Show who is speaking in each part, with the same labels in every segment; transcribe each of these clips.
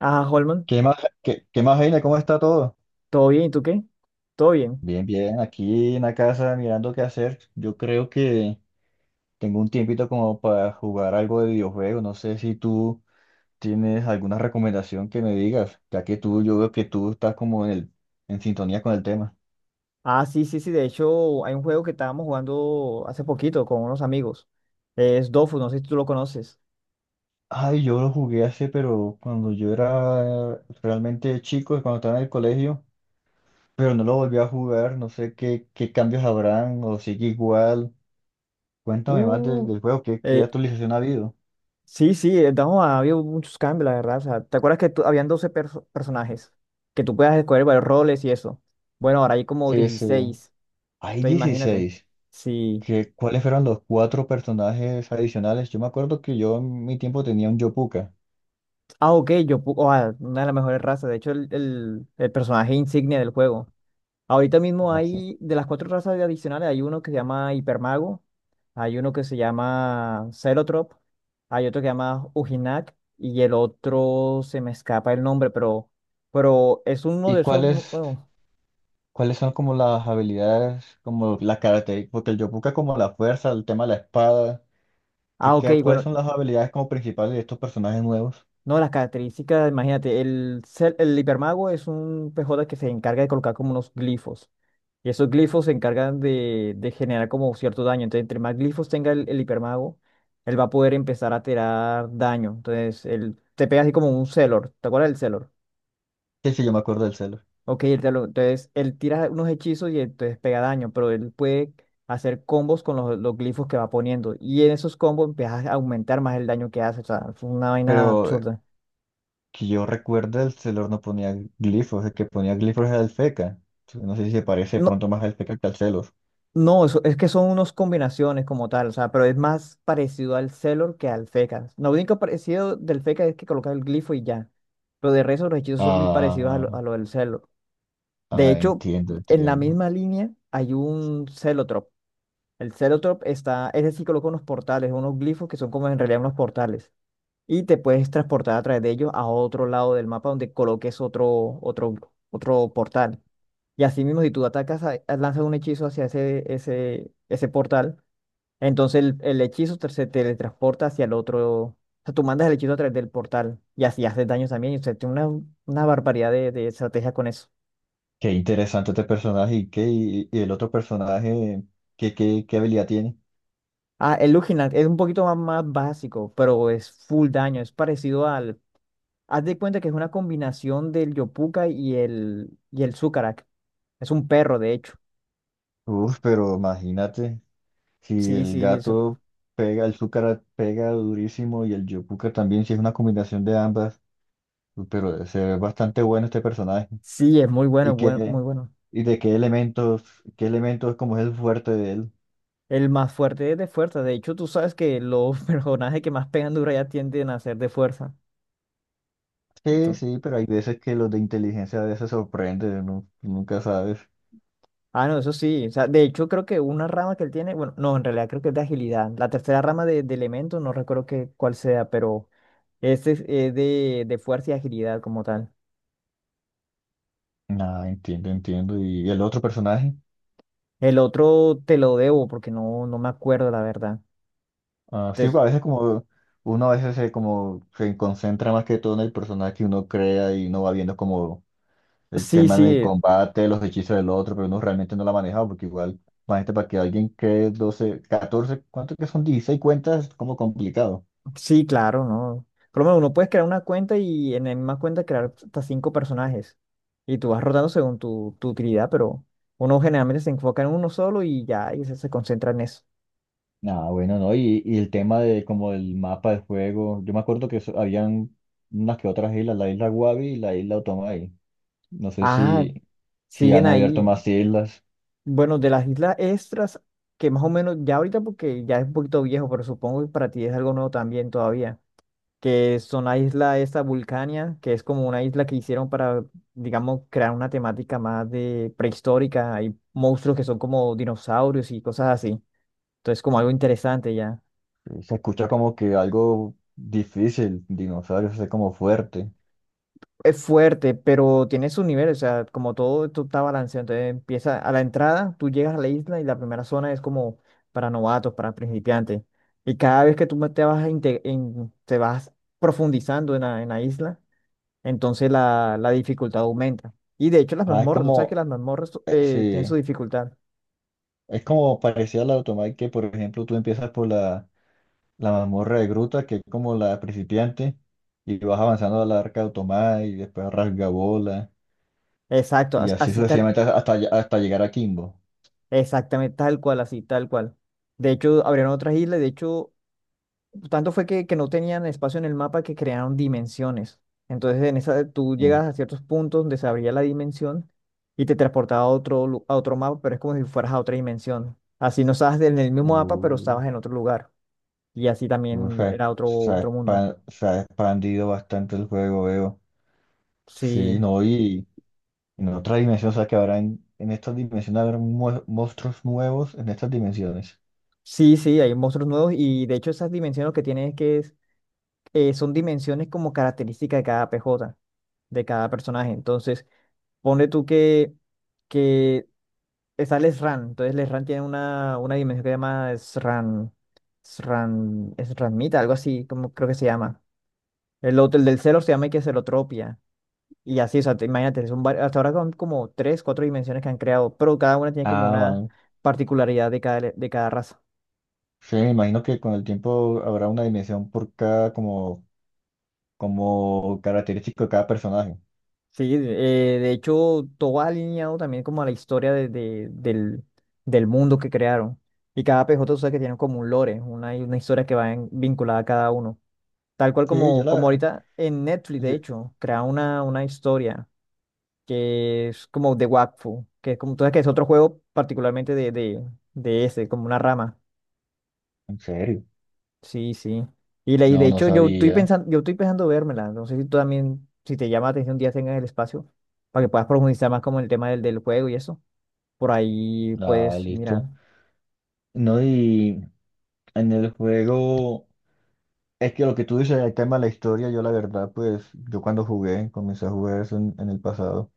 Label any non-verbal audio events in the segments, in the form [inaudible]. Speaker 1: Ah, Holman,
Speaker 2: ¿Qué más, qué más, Heine? ¿Cómo está todo?
Speaker 1: ¿todo bien? ¿Y tú qué? ¿Todo bien?
Speaker 2: Bien, bien, aquí en la casa mirando qué hacer. Yo creo que tengo un tiempito como para jugar algo de videojuegos. No sé si tú tienes alguna recomendación que me digas, yo veo que tú estás como en sintonía con el tema.
Speaker 1: Ah, sí, sí, sí. De hecho, hay un juego que estábamos jugando hace poquito con unos amigos. Es Dofus, no sé si tú lo conoces.
Speaker 2: Ay, yo lo jugué pero cuando yo era realmente chico, cuando estaba en el colegio, pero no lo volví a jugar. No sé qué cambios habrán o sigue igual. Cuéntame más del,
Speaker 1: Uh,
Speaker 2: del juego, qué
Speaker 1: eh,
Speaker 2: actualización ha habido.
Speaker 1: sí, sí, no, ha habido muchos cambios, la verdad. O sea, ¿te acuerdas que habían 12 personajes? Que tú puedas escoger varios roles y eso. Bueno, ahora hay como
Speaker 2: Sí, sí.
Speaker 1: 16.
Speaker 2: Hay
Speaker 1: Entonces, imagínate.
Speaker 2: 16.
Speaker 1: Sí.
Speaker 2: ¿Cuáles fueron los cuatro personajes adicionales? Yo me acuerdo que yo en mi tiempo tenía un Yopuka.
Speaker 1: Ah, ok, yo. Pu- oh, ah, una de las mejores razas. De hecho, el personaje insignia del juego. Ahorita mismo
Speaker 2: Así.
Speaker 1: hay, de las cuatro razas adicionales, hay uno que se llama Hipermago, hay uno que se llama Celotrop, hay otro que se llama Ujinak y el otro se me escapa el nombre, pero es uno
Speaker 2: ¿Y
Speaker 1: de esos,
Speaker 2: cuáles,
Speaker 1: bueno,
Speaker 2: cuáles son como las habilidades, como las características? Porque el Yopuka como la fuerza, el tema de la espada. ¿Qué,
Speaker 1: ah, ok,
Speaker 2: qué- cuáles
Speaker 1: bueno,
Speaker 2: son las habilidades como principales de estos personajes nuevos?
Speaker 1: no, las características, imagínate, el hipermago es un PJ que se encarga de colocar como unos glifos. Y esos glifos se encargan de generar como cierto daño. Entonces, entre más glifos tenga el hipermago, él va a poder empezar a tirar daño. Entonces, él te pega así como un Celor. ¿Te acuerdas del Celor?
Speaker 2: Sí, sí, yo me acuerdo del Celor.
Speaker 1: Ok, el Celor. Entonces, él tira unos hechizos y entonces pega daño, pero él puede hacer combos con los glifos que va poniendo. Y en esos combos empieza a aumentar más el daño que hace. O sea, es una vaina
Speaker 2: Pero
Speaker 1: absurda.
Speaker 2: que yo recuerde, el Celor no ponía glifos. El que ponía glifos era el Feca. No sé si se parece de
Speaker 1: No,
Speaker 2: pronto más al Feca que al Celor.
Speaker 1: no, es que son unas combinaciones como tal, o sea, pero es más parecido al Celor que al Feca. Lo único parecido del Feca es que colocas el glifo y ya. Pero de resto los hechizos son muy parecidos a lo,
Speaker 2: Ah,
Speaker 1: a lo del Celor. De
Speaker 2: ah,
Speaker 1: hecho,
Speaker 2: entiendo,
Speaker 1: en la
Speaker 2: entiendo.
Speaker 1: misma línea hay un Celotrop. El Celotrop está, ese sí coloca unos portales, unos glifos que son como en realidad unos portales. Y te puedes transportar a través de ellos a otro lado del mapa donde coloques otro portal. Y así mismo, si tú atacas, lanzas un hechizo hacia ese portal, entonces el hechizo se teletransporta hacia el otro. O sea, tú mandas el hechizo a través del portal y así haces daño también. Y usted tiene una barbaridad de estrategia con eso.
Speaker 2: Qué interesante este personaje, y el otro personaje, ¿qué habilidad tiene?
Speaker 1: Ah, el Luginat es un poquito más básico, pero es full daño. Es parecido al. Haz de cuenta que es una combinación del Yopuka y el Sucarak. Es un perro, de hecho.
Speaker 2: Uf, pero imagínate, si
Speaker 1: Sí,
Speaker 2: el
Speaker 1: sí,
Speaker 2: gato pega, el Zúcara pega durísimo y el Yopuka también, si es una combinación de ambas, pero se ve bastante bueno este personaje.
Speaker 1: sí, es muy
Speaker 2: ¿Y
Speaker 1: bueno,
Speaker 2: qué,
Speaker 1: muy bueno.
Speaker 2: y de qué elementos, como es el fuerte de él?
Speaker 1: El más fuerte es de fuerza. De hecho, tú sabes que los [laughs] personajes que más pegan duro ya tienden a ser de fuerza.
Speaker 2: Sí,
Speaker 1: Entonces-
Speaker 2: sí, pero hay veces que los de inteligencia a veces sorprende, ¿no? Nunca sabes.
Speaker 1: ah, no, eso sí. O sea, de hecho, creo que una rama que él tiene, bueno, no, en realidad creo que es de agilidad. La tercera rama de elementos, no recuerdo qué, cuál sea, pero este es de fuerza y agilidad como tal.
Speaker 2: Nada, entiendo, entiendo. ¿Y el otro personaje?
Speaker 1: El otro te lo debo porque no, no me acuerdo, la verdad.
Speaker 2: Ah, sí, a
Speaker 1: Entonces,
Speaker 2: veces como uno a veces se como se concentra más que todo en el personaje que uno crea y uno va viendo como el
Speaker 1: sí,
Speaker 2: tema del
Speaker 1: sí,
Speaker 2: combate, los hechizos del otro, pero uno realmente no lo ha manejado porque igual, imagínate, para que alguien cree 12 14 ¿cuánto que son? 16 cuentas, es como complicado.
Speaker 1: sí, claro, ¿no? Por lo menos uno puedes crear una cuenta y en la misma cuenta crear hasta cinco personajes. Y tú vas rotando según tu utilidad, pero uno generalmente se enfoca en uno solo y ya, y se concentra en eso.
Speaker 2: Nada, bueno, ¿no? Y el tema de como el mapa del juego, yo me acuerdo que habían unas que otras islas, la isla Wabi y la isla Otomai. No sé
Speaker 1: Ah,
Speaker 2: si
Speaker 1: siguen
Speaker 2: han abierto
Speaker 1: ahí.
Speaker 2: más islas.
Speaker 1: Bueno, de las islas extras, que más o menos ya ahorita porque ya es un poquito viejo, pero supongo que para ti es algo nuevo también todavía, que son la isla esta Vulcania, que es como una isla que hicieron para, digamos, crear una temática más de prehistórica. Hay monstruos que son como dinosaurios y cosas así. Entonces, como algo interesante ya.
Speaker 2: Se escucha como que algo difícil, dinosaurios, es como fuerte.
Speaker 1: Es fuerte, pero tiene sus niveles, o sea, como todo esto está balanceado. Entonces empieza a la entrada, tú llegas a la isla y la primera zona es como para novatos, para principiantes. Y cada vez que tú te vas, te vas profundizando en la isla. Entonces la dificultad aumenta. Y de hecho las
Speaker 2: Ah, es
Speaker 1: mazmorras, tú sabes que las mazmorras tienen su
Speaker 2: sí,
Speaker 1: dificultad.
Speaker 2: es como parecía la automata que, por ejemplo, tú empiezas por la mazmorra de Gruta, que es como la principiante, y vas avanzando a la arca de Automai, y después a Rasgabola,
Speaker 1: Exacto,
Speaker 2: y así
Speaker 1: así tal,
Speaker 2: sucesivamente hasta llegar a Kimbo.
Speaker 1: exactamente tal cual, así tal cual. De hecho, abrieron otras islas, de hecho, tanto fue que no tenían espacio en el mapa que crearon dimensiones. Entonces en esa tú
Speaker 2: Eh,
Speaker 1: llegas a ciertos puntos donde se abría la dimensión y te transportaba a otro mapa, pero es como si fueras a otra dimensión. Así no estabas en el mismo mapa, pero
Speaker 2: uh,
Speaker 1: estabas en otro lugar. Y así
Speaker 2: se,
Speaker 1: también
Speaker 2: ha
Speaker 1: era otro,
Speaker 2: se ha
Speaker 1: otro mundo.
Speaker 2: expan- se ha expandido bastante el juego, veo. Sí,
Speaker 1: Sí.
Speaker 2: no, y en otra dimensión, o sea que habrá en estas dimensiones habrá monstruos nuevos en estas dimensiones.
Speaker 1: Sí, sí, hay monstruos nuevos y de hecho esas dimensiones que tienen es que son dimensiones como característica de cada PJ, de cada personaje. Entonces, ponle tú que está Lesran, entonces Lesran tiene una dimensión que se llama Sran, Sran, Sranmita, algo así, como creo que se llama. El otro, el del celo se llama que celotropia. Y así, o sea, imagínate, hasta ahora son como tres, cuatro dimensiones que han creado, pero cada una tiene como
Speaker 2: Ah,
Speaker 1: una
Speaker 2: van.
Speaker 1: particularidad de cada raza.
Speaker 2: Sí, me imagino que con el tiempo habrá una dimensión por cada como, característico de cada personaje.
Speaker 1: Sí, de hecho, todo va alineado también como a la historia del mundo que crearon. Y cada PJ, tú sabes que tiene como un lore, una historia que va vinculada a cada uno. Tal cual
Speaker 2: Sí,
Speaker 1: como ahorita en Netflix, de
Speaker 2: yo-
Speaker 1: hecho, crea una historia que es como de Wakfu, que es como, tú sabes que es otro juego particularmente de ese, como una rama.
Speaker 2: en serio.
Speaker 1: Sí, sí. Y de
Speaker 2: No, no
Speaker 1: hecho, yo estoy
Speaker 2: sabía.
Speaker 1: pensando, yo estoy pensando vérmela. No sé si tú también, si te llama la atención, un día tengas el espacio para que puedas profundizar más como en el tema del juego y eso. Por ahí,
Speaker 2: Ah,
Speaker 1: puedes mirar.
Speaker 2: listo. No, y en el juego, es que lo que tú dices, el tema de la historia, yo la verdad, pues, yo cuando jugué, comencé a jugar eso en el pasado.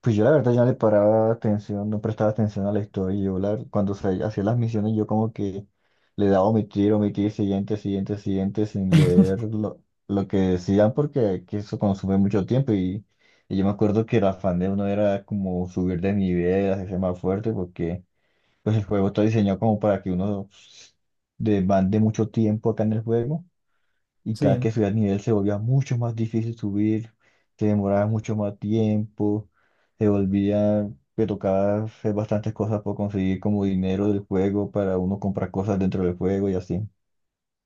Speaker 2: Pues yo la verdad ya no le paraba atención, no prestaba atención a la historia. Cuando se hacía las misiones yo como que le daba omitir, omitir, siguiente, siguiente, siguiente, sin leer
Speaker 1: [laughs]
Speaker 2: lo que decían porque que eso consume mucho tiempo y yo me acuerdo que el afán de uno era como subir de nivel, hacerse más fuerte porque pues el juego está diseñado como para que uno demande mucho tiempo acá en el juego y cada
Speaker 1: Sí.
Speaker 2: que subía el nivel se volvía mucho más difícil subir, se demoraba mucho más tiempo, se volvía, me tocaba hacer bastantes cosas por conseguir como dinero del juego para uno comprar cosas dentro del juego y así.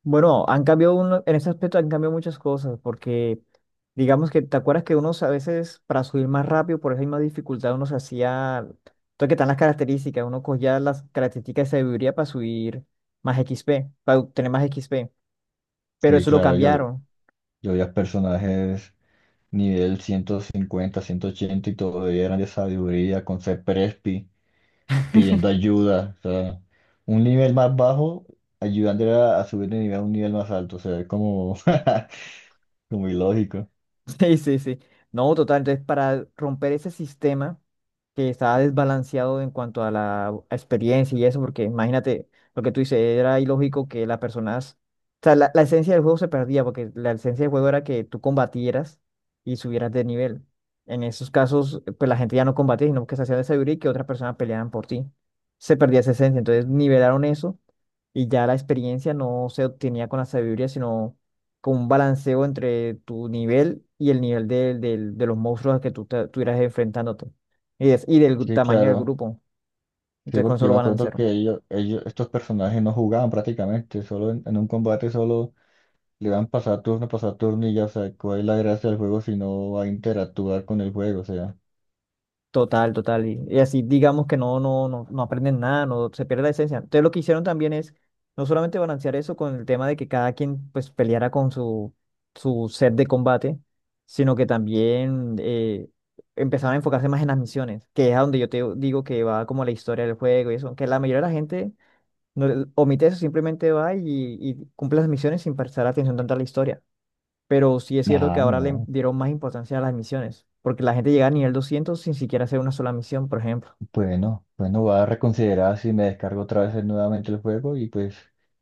Speaker 1: Bueno, han cambiado uno, en ese aspecto han cambiado muchas cosas, porque digamos que te acuerdas que unos a veces para subir más rápido por esa misma dificultad uno se hacía, entonces que están las características, uno cogía las características de sabiduría para subir más XP, para obtener más XP, pero
Speaker 2: Sí,
Speaker 1: eso lo
Speaker 2: claro, yo,
Speaker 1: cambiaron.
Speaker 2: yo veía personajes nivel 150 180 y todavía eran de sabiduría con ser Prespi, pidiendo ayuda, o sea, un nivel más bajo, ayudándole a subir de nivel a un nivel más alto, o sea, es como, [laughs] como ilógico.
Speaker 1: Sí, sí, sí. No, total. Entonces, para romper ese sistema que estaba desbalanceado en cuanto a la experiencia y eso, porque imagínate lo que tú dices, era ilógico que las personas, o sea, la esencia del juego se perdía, porque la esencia del juego era que tú combatieras y subieras de nivel. En esos casos, pues la gente ya no combatía, sino que se hacía de sabiduría y que otras personas peleaban por ti. Se perdía esa esencia. Entonces, nivelaron eso y ya la experiencia no se obtenía con la sabiduría, sino como un balanceo entre tu nivel y el nivel de los monstruos a que tú estuvieras enfrentándote y
Speaker 2: Sí,
Speaker 1: tamaño del
Speaker 2: claro.
Speaker 1: grupo.
Speaker 2: Sí,
Speaker 1: Entonces con
Speaker 2: porque yo
Speaker 1: solo
Speaker 2: me acuerdo que
Speaker 1: balancearon.
Speaker 2: ellos, estos personajes no jugaban prácticamente, solo en un combate solo le van pasar turno y ya, o sea, ¿cuál es la gracia del juego si no va a interactuar con el juego? O sea,
Speaker 1: Total, total. Y así digamos que no, no, no, no aprenden nada, no se pierde la esencia. Entonces lo que hicieron también es no solamente balancear eso con el tema de que cada quien pues peleara con su set de combate, sino que también empezaron a enfocarse más en las misiones, que es a donde yo te digo que va como la historia del juego y eso, que la mayoría de la gente No, le- omite eso, simplemente va y cumple las misiones sin prestar atención tanto a la historia. Pero sí es cierto que ahora le
Speaker 2: no,
Speaker 1: dieron más importancia a las misiones, porque la gente llega a nivel 200 sin siquiera hacer una sola misión, por ejemplo.
Speaker 2: bueno, bueno, voy a reconsiderar si me descargo otra vez nuevamente el juego y pues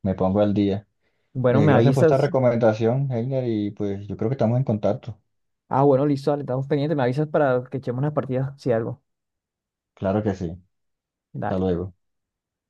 Speaker 2: me pongo al día.
Speaker 1: Bueno, me
Speaker 2: Gracias por esta
Speaker 1: avisas.
Speaker 2: recomendación, Heiner, y pues yo creo que estamos en contacto.
Speaker 1: Ah, bueno, listo, dale, estamos pendientes, me avisas para que echemos unas partidas, si algo.
Speaker 2: Claro que sí, hasta
Speaker 1: Dale.
Speaker 2: luego.